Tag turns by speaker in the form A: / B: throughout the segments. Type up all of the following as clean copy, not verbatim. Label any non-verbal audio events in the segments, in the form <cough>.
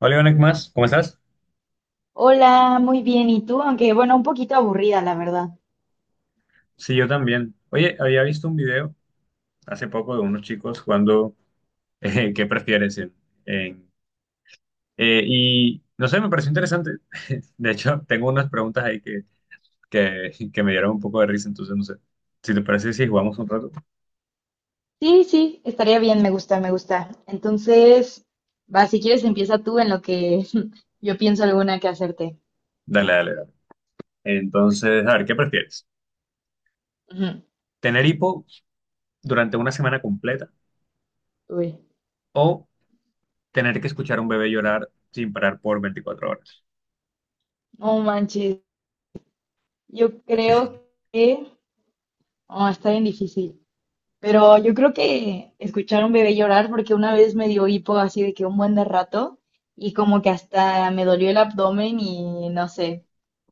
A: Hola, Iván, ¿qué más? ¿Cómo estás?
B: Hola, muy bien. ¿Y tú? Aunque bueno, un poquito aburrida, la verdad.
A: Sí, yo también. Oye, había visto un video hace poco de unos chicos jugando ¿qué prefieres? En- y no sé, me pareció interesante. <laughs> De hecho, tengo unas preguntas ahí que me dieron un poco de risa, entonces no sé. Si te parece, si jugamos un rato.
B: Sí, sí, estaría bien, me gusta, me gusta. Entonces, va, si quieres empieza tú en lo que <laughs> yo pienso alguna que hacerte.
A: Dale, dale, dale. Entonces, a ver, ¿qué prefieres?
B: Ujú.
A: ¿Tener hipo durante una semana completa
B: Uy,
A: o tener que escuchar a un bebé llorar sin parar por 24 horas?
B: no manches. Yo creo que... Oh, está bien difícil. Pero yo creo que escuchar a un bebé llorar, porque una vez me dio hipo así de que un buen de rato y como que hasta me dolió el abdomen y no sé.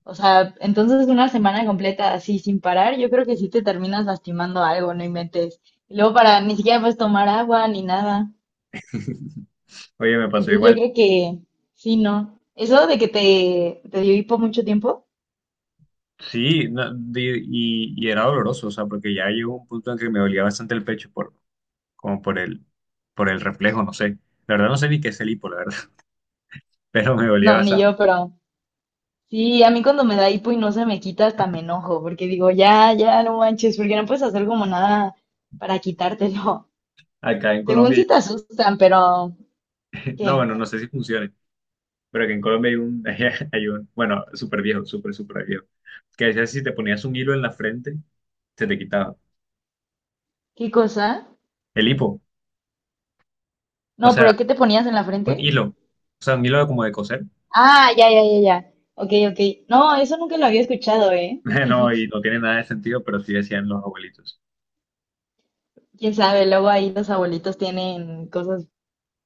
B: O sea, entonces una semana completa así sin parar, yo creo que sí te terminas lastimando algo, no inventes. Y luego para ni siquiera puedes tomar agua ni nada.
A: Oye, me pasó
B: Entonces yo
A: igual.
B: creo que sí, no. Eso de que te dio hipo mucho tiempo,
A: Sí, no, y era doloroso, o sea, porque ya llegó un punto en que me dolía bastante el pecho por, como por el reflejo, no sé. La verdad no sé ni qué es el hipo, la verdad, <laughs> pero me dolía
B: no, ni
A: bastante.
B: yo, pero sí, a mí cuando me da hipo y no se me quita, hasta me enojo, porque digo, ya, ya, no manches, porque no puedes hacer como nada para quitártelo.
A: Acá en
B: <laughs> Según
A: Colombia,
B: si te asustan, pero
A: <laughs> no,
B: ¿qué?
A: bueno, no sé si funcione, pero que en Colombia <laughs> hay un, bueno, súper viejo, súper viejo, que decía si te ponías un hilo en la frente, se te quitaba.
B: ¿Qué cosa?
A: El hipo, o
B: No,
A: sea,
B: pero ¿qué te ponías en la
A: un
B: frente?
A: hilo, o sea, un hilo como de coser.
B: Ah, ya, ya, ya, ya. Ok, ok. No, eso nunca lo había escuchado, ¿eh?
A: <laughs> No, y no tiene nada de sentido, pero sí decían los abuelitos.
B: Quién sabe, luego ahí los abuelitos tienen cosas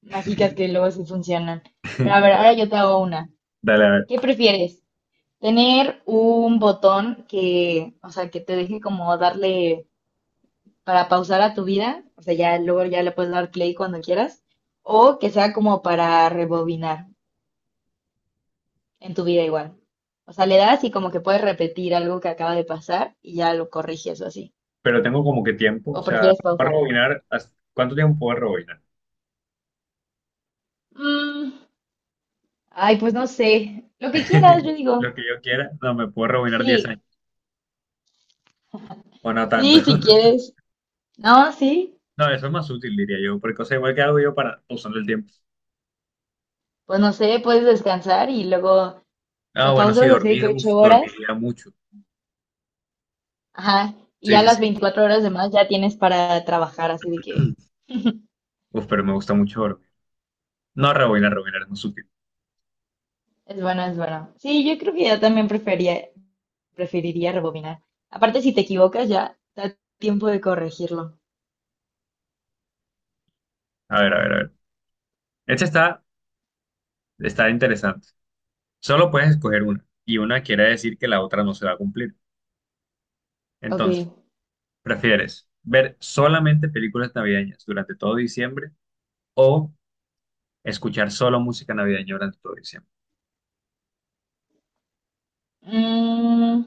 B: mágicas que luego sí funcionan. Pero a ver, ahora
A: <laughs>
B: yo te hago una.
A: Dale, a ver.
B: ¿Qué prefieres? ¿Tener un botón que, o sea, que te deje como darle para pausar a tu vida, o sea, ya luego ya le puedes dar play cuando quieras, o que sea como para rebobinar en tu vida igual? O sea, le das y como que puedes repetir algo que acaba de pasar y ya lo corriges o así.
A: Pero tengo como que tiempo, o
B: ¿O
A: sea,
B: prefieres
A: puedo
B: pausarlo?
A: ¿cuánto tiempo puedo rebobinar?
B: Mm, ay, pues no sé. Lo que quieras, yo
A: <laughs> Lo
B: digo.
A: que yo quiera, no, me puedo rebobinar 10 años,
B: Sí,
A: o no tanto.
B: sí, si
A: <laughs>
B: quieres. No, sí.
A: No, eso es más útil, diría yo, porque, o sea, igual que hago yo para usando el tiempo.
B: Pues no sé, puedes descansar y luego
A: Ah,
B: lo
A: bueno, sí,
B: pausas así de
A: dormir,
B: que
A: uf,
B: 8 horas.
A: dormiría mucho.
B: Ajá. Y
A: Sí,
B: ya
A: sí,
B: las
A: sí.
B: 24 horas de más ya tienes para trabajar, así de que
A: Uf, pero me gusta mucho dormir. No, rebobinar es más útil.
B: es bueno, es bueno. Sí, yo creo que ya también prefería, preferiría rebobinar. Aparte, si te equivocas, ya da tiempo de corregirlo.
A: A ver, a ver, a ver. Esta está, está interesante. Solo puedes escoger una, y una quiere decir que la otra no se va a cumplir.
B: Ok.
A: Entonces, ¿prefieres ver solamente películas navideñas durante todo diciembre, o escuchar solo música navideña durante todo diciembre?
B: Mm,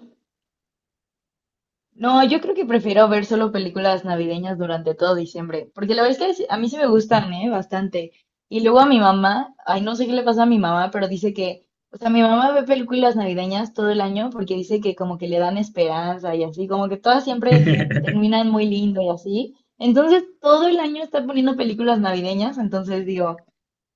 B: no, yo creo que prefiero ver solo películas navideñas durante todo diciembre, porque la verdad es que a mí sí me gustan, ¿eh? Bastante. Y luego a mi mamá, ay, no sé qué le pasa a mi mamá, pero dice que, o sea, mi mamá ve películas navideñas todo el año porque dice que como que le dan esperanza y así, como que todas siempre
A: <laughs>
B: terminan muy lindo y así. Entonces, todo el año está poniendo películas navideñas, entonces digo,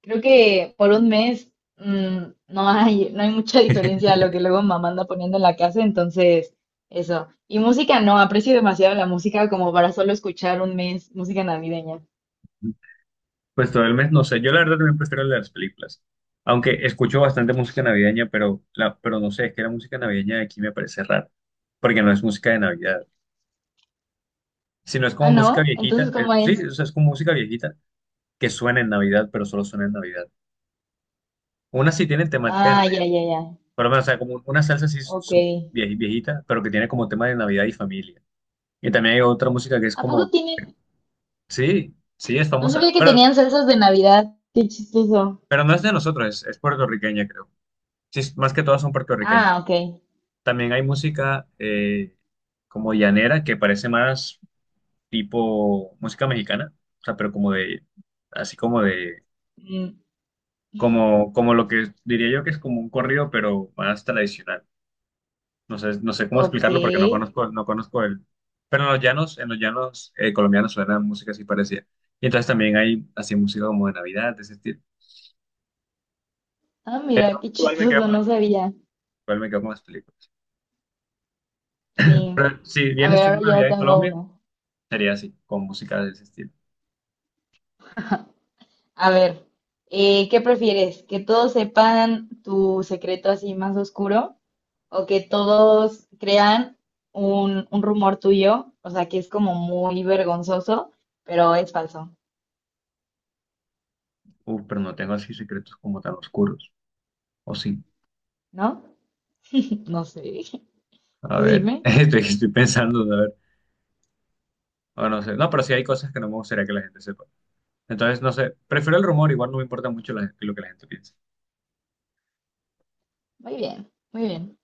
B: creo que por un mes mm, no hay mucha diferencia a lo que luego mamá anda poniendo en la casa, entonces eso. Y música no, aprecio demasiado la música como para solo escuchar un mes música navideña.
A: Pues todo el mes, no sé, yo la verdad también prefiero las películas, aunque escucho bastante música navideña, pero, pero no sé, es que la música navideña de aquí me parece rara, porque no es música de Navidad, sino es
B: Ah,
A: como música
B: ¿no? Entonces,
A: viejita,
B: ¿cómo
A: sí,
B: es?
A: o sea, es como música viejita que suena en Navidad, pero solo suena en Navidad. Una sí tiene temática de
B: Ah,
A: Navidad,
B: ya, ya, ya.
A: pero o sea, como una salsa así
B: Ok.
A: viejita, pero que tiene como tema de Navidad y familia. Y también hay otra música que es
B: ¿A poco
A: como,
B: tienen?
A: sí, sí, es
B: No
A: famosa,
B: sabía que
A: pero
B: tenían salsas de Navidad. Qué chistoso.
A: Pero no es de nosotros, es puertorriqueña, creo. Sí, más que todas son puertorriqueñas.
B: Ah, ok.
A: También hay música como llanera, que parece más tipo música mexicana, o sea, pero como de, así como de,
B: Mm,
A: como lo que diría yo que es como un corrido, pero más tradicional. No sé, no sé cómo
B: ok.
A: explicarlo porque no conozco, no conozco el... Pero en los llanos colombianos suena música así parecida. Y entonces también hay así música como de Navidad, de ese estilo.
B: Ah, mira, qué
A: Igual me quedo
B: chistoso,
A: con las-
B: no sabía.
A: igual me quedo con las películas.
B: Sí.
A: Pero si
B: A
A: vienes
B: ver,
A: tú
B: ahora
A: una
B: yo
A: Navidad en
B: tengo
A: Colombia,
B: uno.
A: sería así, con música de ese estilo.
B: A ver, ¿qué prefieres? ¿Que todos sepan tu secreto así más oscuro o que todos crean un rumor tuyo? O sea, que es como muy vergonzoso, pero es falso,
A: Uf, pero no tengo así secretos como tan oscuros. O sí.
B: ¿no? <laughs> No sé, <laughs>
A: A
B: tú
A: ver, <laughs>
B: dime.
A: estoy pensando, a ver. O no sé. No, pero sí hay cosas que no me gustaría que la gente sepa. Entonces, no sé. Prefiero el rumor, igual no me importa mucho lo que la gente piense.
B: Muy bien, muy bien.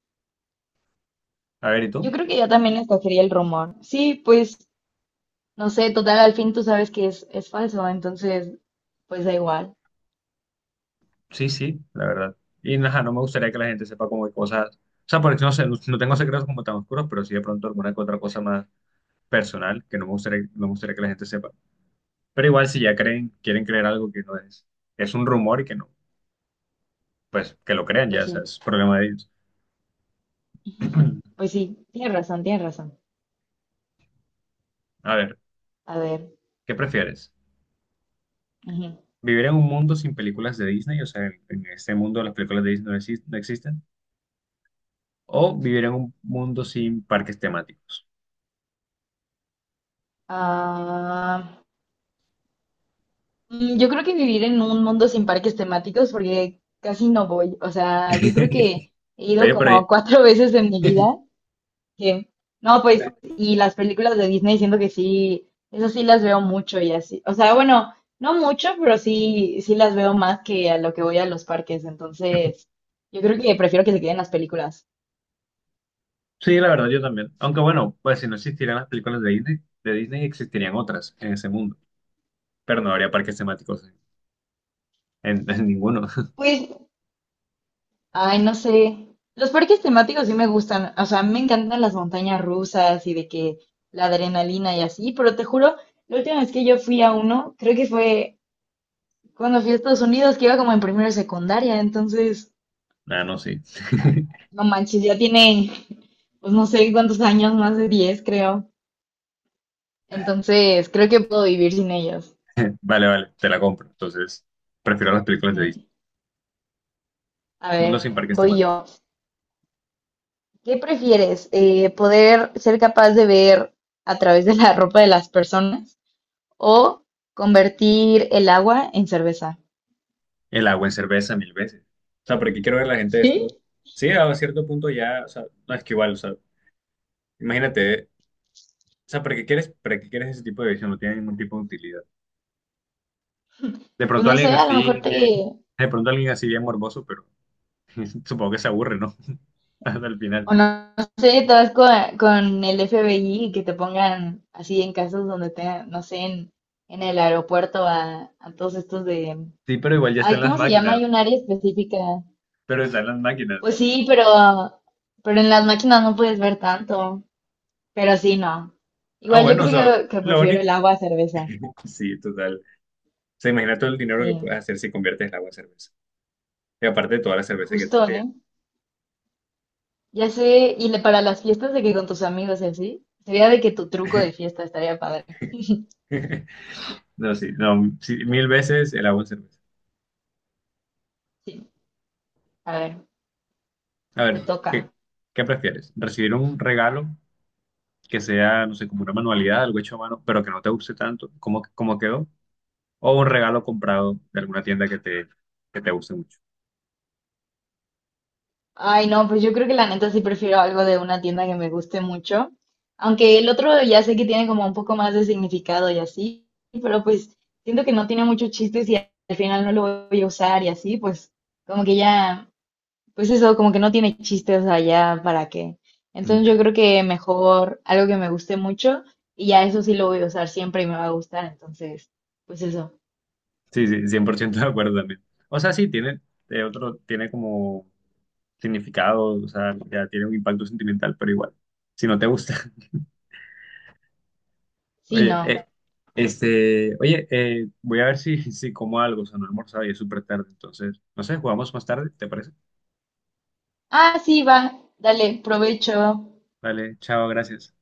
A: A ver, ¿y
B: Yo
A: tú?
B: creo que yo también escogería el rumor. Sí, pues, no sé, total, al fin tú sabes que es falso, entonces, pues da igual.
A: Sí, sí, la verdad. Y nada, no me gustaría que la gente sepa como de cosas. O sea, porque no sé, no, no tengo secretos como tan oscuros, pero sí de pronto alguna que otra cosa más personal que no me gustaría que la gente sepa. Pero igual si ya creen, quieren creer algo que no es, es un rumor y que no, pues que lo crean ya,
B: Pues
A: o sea,
B: sí,
A: es problema de ellos. <clears throat>
B: pues sí, tienes razón, tienes razón.
A: A ver,
B: A ver.
A: ¿qué prefieres?
B: Ujú.
A: ¿Vivir en un mundo sin películas de Disney? O sea, en este mundo las películas de Disney no existen. ¿O vivir en un mundo sin parques temáticos?
B: Ah, mm, yo creo que vivir en un mundo sin parques temáticos, porque casi no voy. O sea, yo creo
A: <laughs>
B: que he ido
A: Oye, pero ahí-
B: como cuatro <laughs> veces en mi
A: <laughs>
B: vida. Que, no, pues, y las películas de Disney siento que sí, eso sí las veo mucho y así. O sea, bueno, no mucho, pero sí, sí las veo más que a lo que voy a los parques. Entonces, yo creo que prefiero que se queden las películas.
A: sí, la verdad, yo también. Aunque bueno, pues si no existieran las películas de Disney existirían otras en ese mundo. Pero no habría parques temáticos en, en ninguno. <laughs>
B: Pues ay, no sé. Los parques temáticos sí me gustan. O sea, me encantan las montañas rusas y de que la adrenalina y así, pero te juro, la última vez que yo fui a uno, creo que fue cuando fui a Estados Unidos, que iba como en primero de secundaria. Entonces,
A: Ah, no, sí.
B: ah,
A: <laughs>
B: no manches, ya tiene, <laughs> pues no sé cuántos años, más de 10 creo. Entonces, creo que puedo vivir sin ellos.
A: <laughs> Vale, vale, te la compro. Entonces, prefiero las películas de
B: Ujú.
A: Disney.
B: A
A: Mundo sin
B: ver,
A: parques
B: voy
A: temáticos.
B: yo. ¿Qué prefieres? ¿Poder ser capaz de ver a través de la ropa de las personas? O convertir el agua en cerveza.
A: El agua en cerveza mil veces. O sea, porque quiero ver a la gente
B: ¿Sí?
A: desnuda. Sí, a cierto punto ya, o sea, no es que igual, o sea, imagínate, o sea, para qué quieres ese tipo de visión? No tiene ningún tipo de utilidad. De
B: Pues
A: pronto
B: no sé,
A: alguien
B: a lo
A: así
B: mejor te,
A: bien, de pronto alguien así bien morboso, pero <laughs> supongo que se aburre, ¿no? <laughs> Hasta el final.
B: o no, no sé, te vas con, el FBI y que te pongan así en casos donde te, no sé, en, el aeropuerto a todos estos de,
A: Sí, pero igual ya están
B: ay,
A: las
B: ¿cómo se llama?
A: máquinas,
B: Hay un área específica.
A: pero están las máquinas,
B: Pues
A: ¿no?
B: sí, pero en las máquinas no puedes ver tanto, pero sí, no.
A: Ah,
B: Igual yo
A: bueno, o sea,
B: creo que
A: lo
B: prefiero
A: único,
B: el agua a cerveza.
A: sí, total. O sea, imagina todo el dinero que
B: Sí,
A: puedes hacer si conviertes el agua en cerveza. Y aparte de toda la cerveza que
B: justo,
A: tendría.
B: ¿eh? Ya sé, y para las fiestas de que con tus amigos y así, sería de que tu truco de fiesta estaría padre.
A: <laughs> No, sí, no, sí, mil veces el agua en cerveza.
B: Sí, a ver,
A: A
B: te
A: ver,
B: toca.
A: ¿qué, ¿qué prefieres? ¿Recibir un regalo que sea, no sé, como una manualidad, algo hecho a mano, pero que no te guste tanto, como, como quedó? ¿O un regalo comprado de alguna tienda que te guste mucho?
B: Ay, no, pues yo creo que la neta sí prefiero algo de una tienda que me guste mucho, aunque el otro ya sé que tiene como un poco más de significado y así, pero pues siento que no tiene muchos chistes y al final no lo voy a usar y así, pues como que ya pues eso, como que no tiene chiste, o sea, ya para qué.
A: Mm.
B: Entonces yo creo que mejor algo que me guste mucho y ya eso sí lo voy a usar siempre y me va a gustar. Entonces, pues eso.
A: Sí, sí, 100% de acuerdo también. O sea, sí, tiene, tiene como significado, o sea, ya tiene un impacto sentimental, pero igual, si no te gusta...
B: Sí,
A: Oye,
B: no.
A: oye, voy a ver si, <laughs> si como algo, o sea, no he almorzado y es súper tarde, entonces, no sé, jugamos más tarde, ¿te parece?
B: Ah, sí, va. Dale, provecho.
A: Dale, chao, gracias.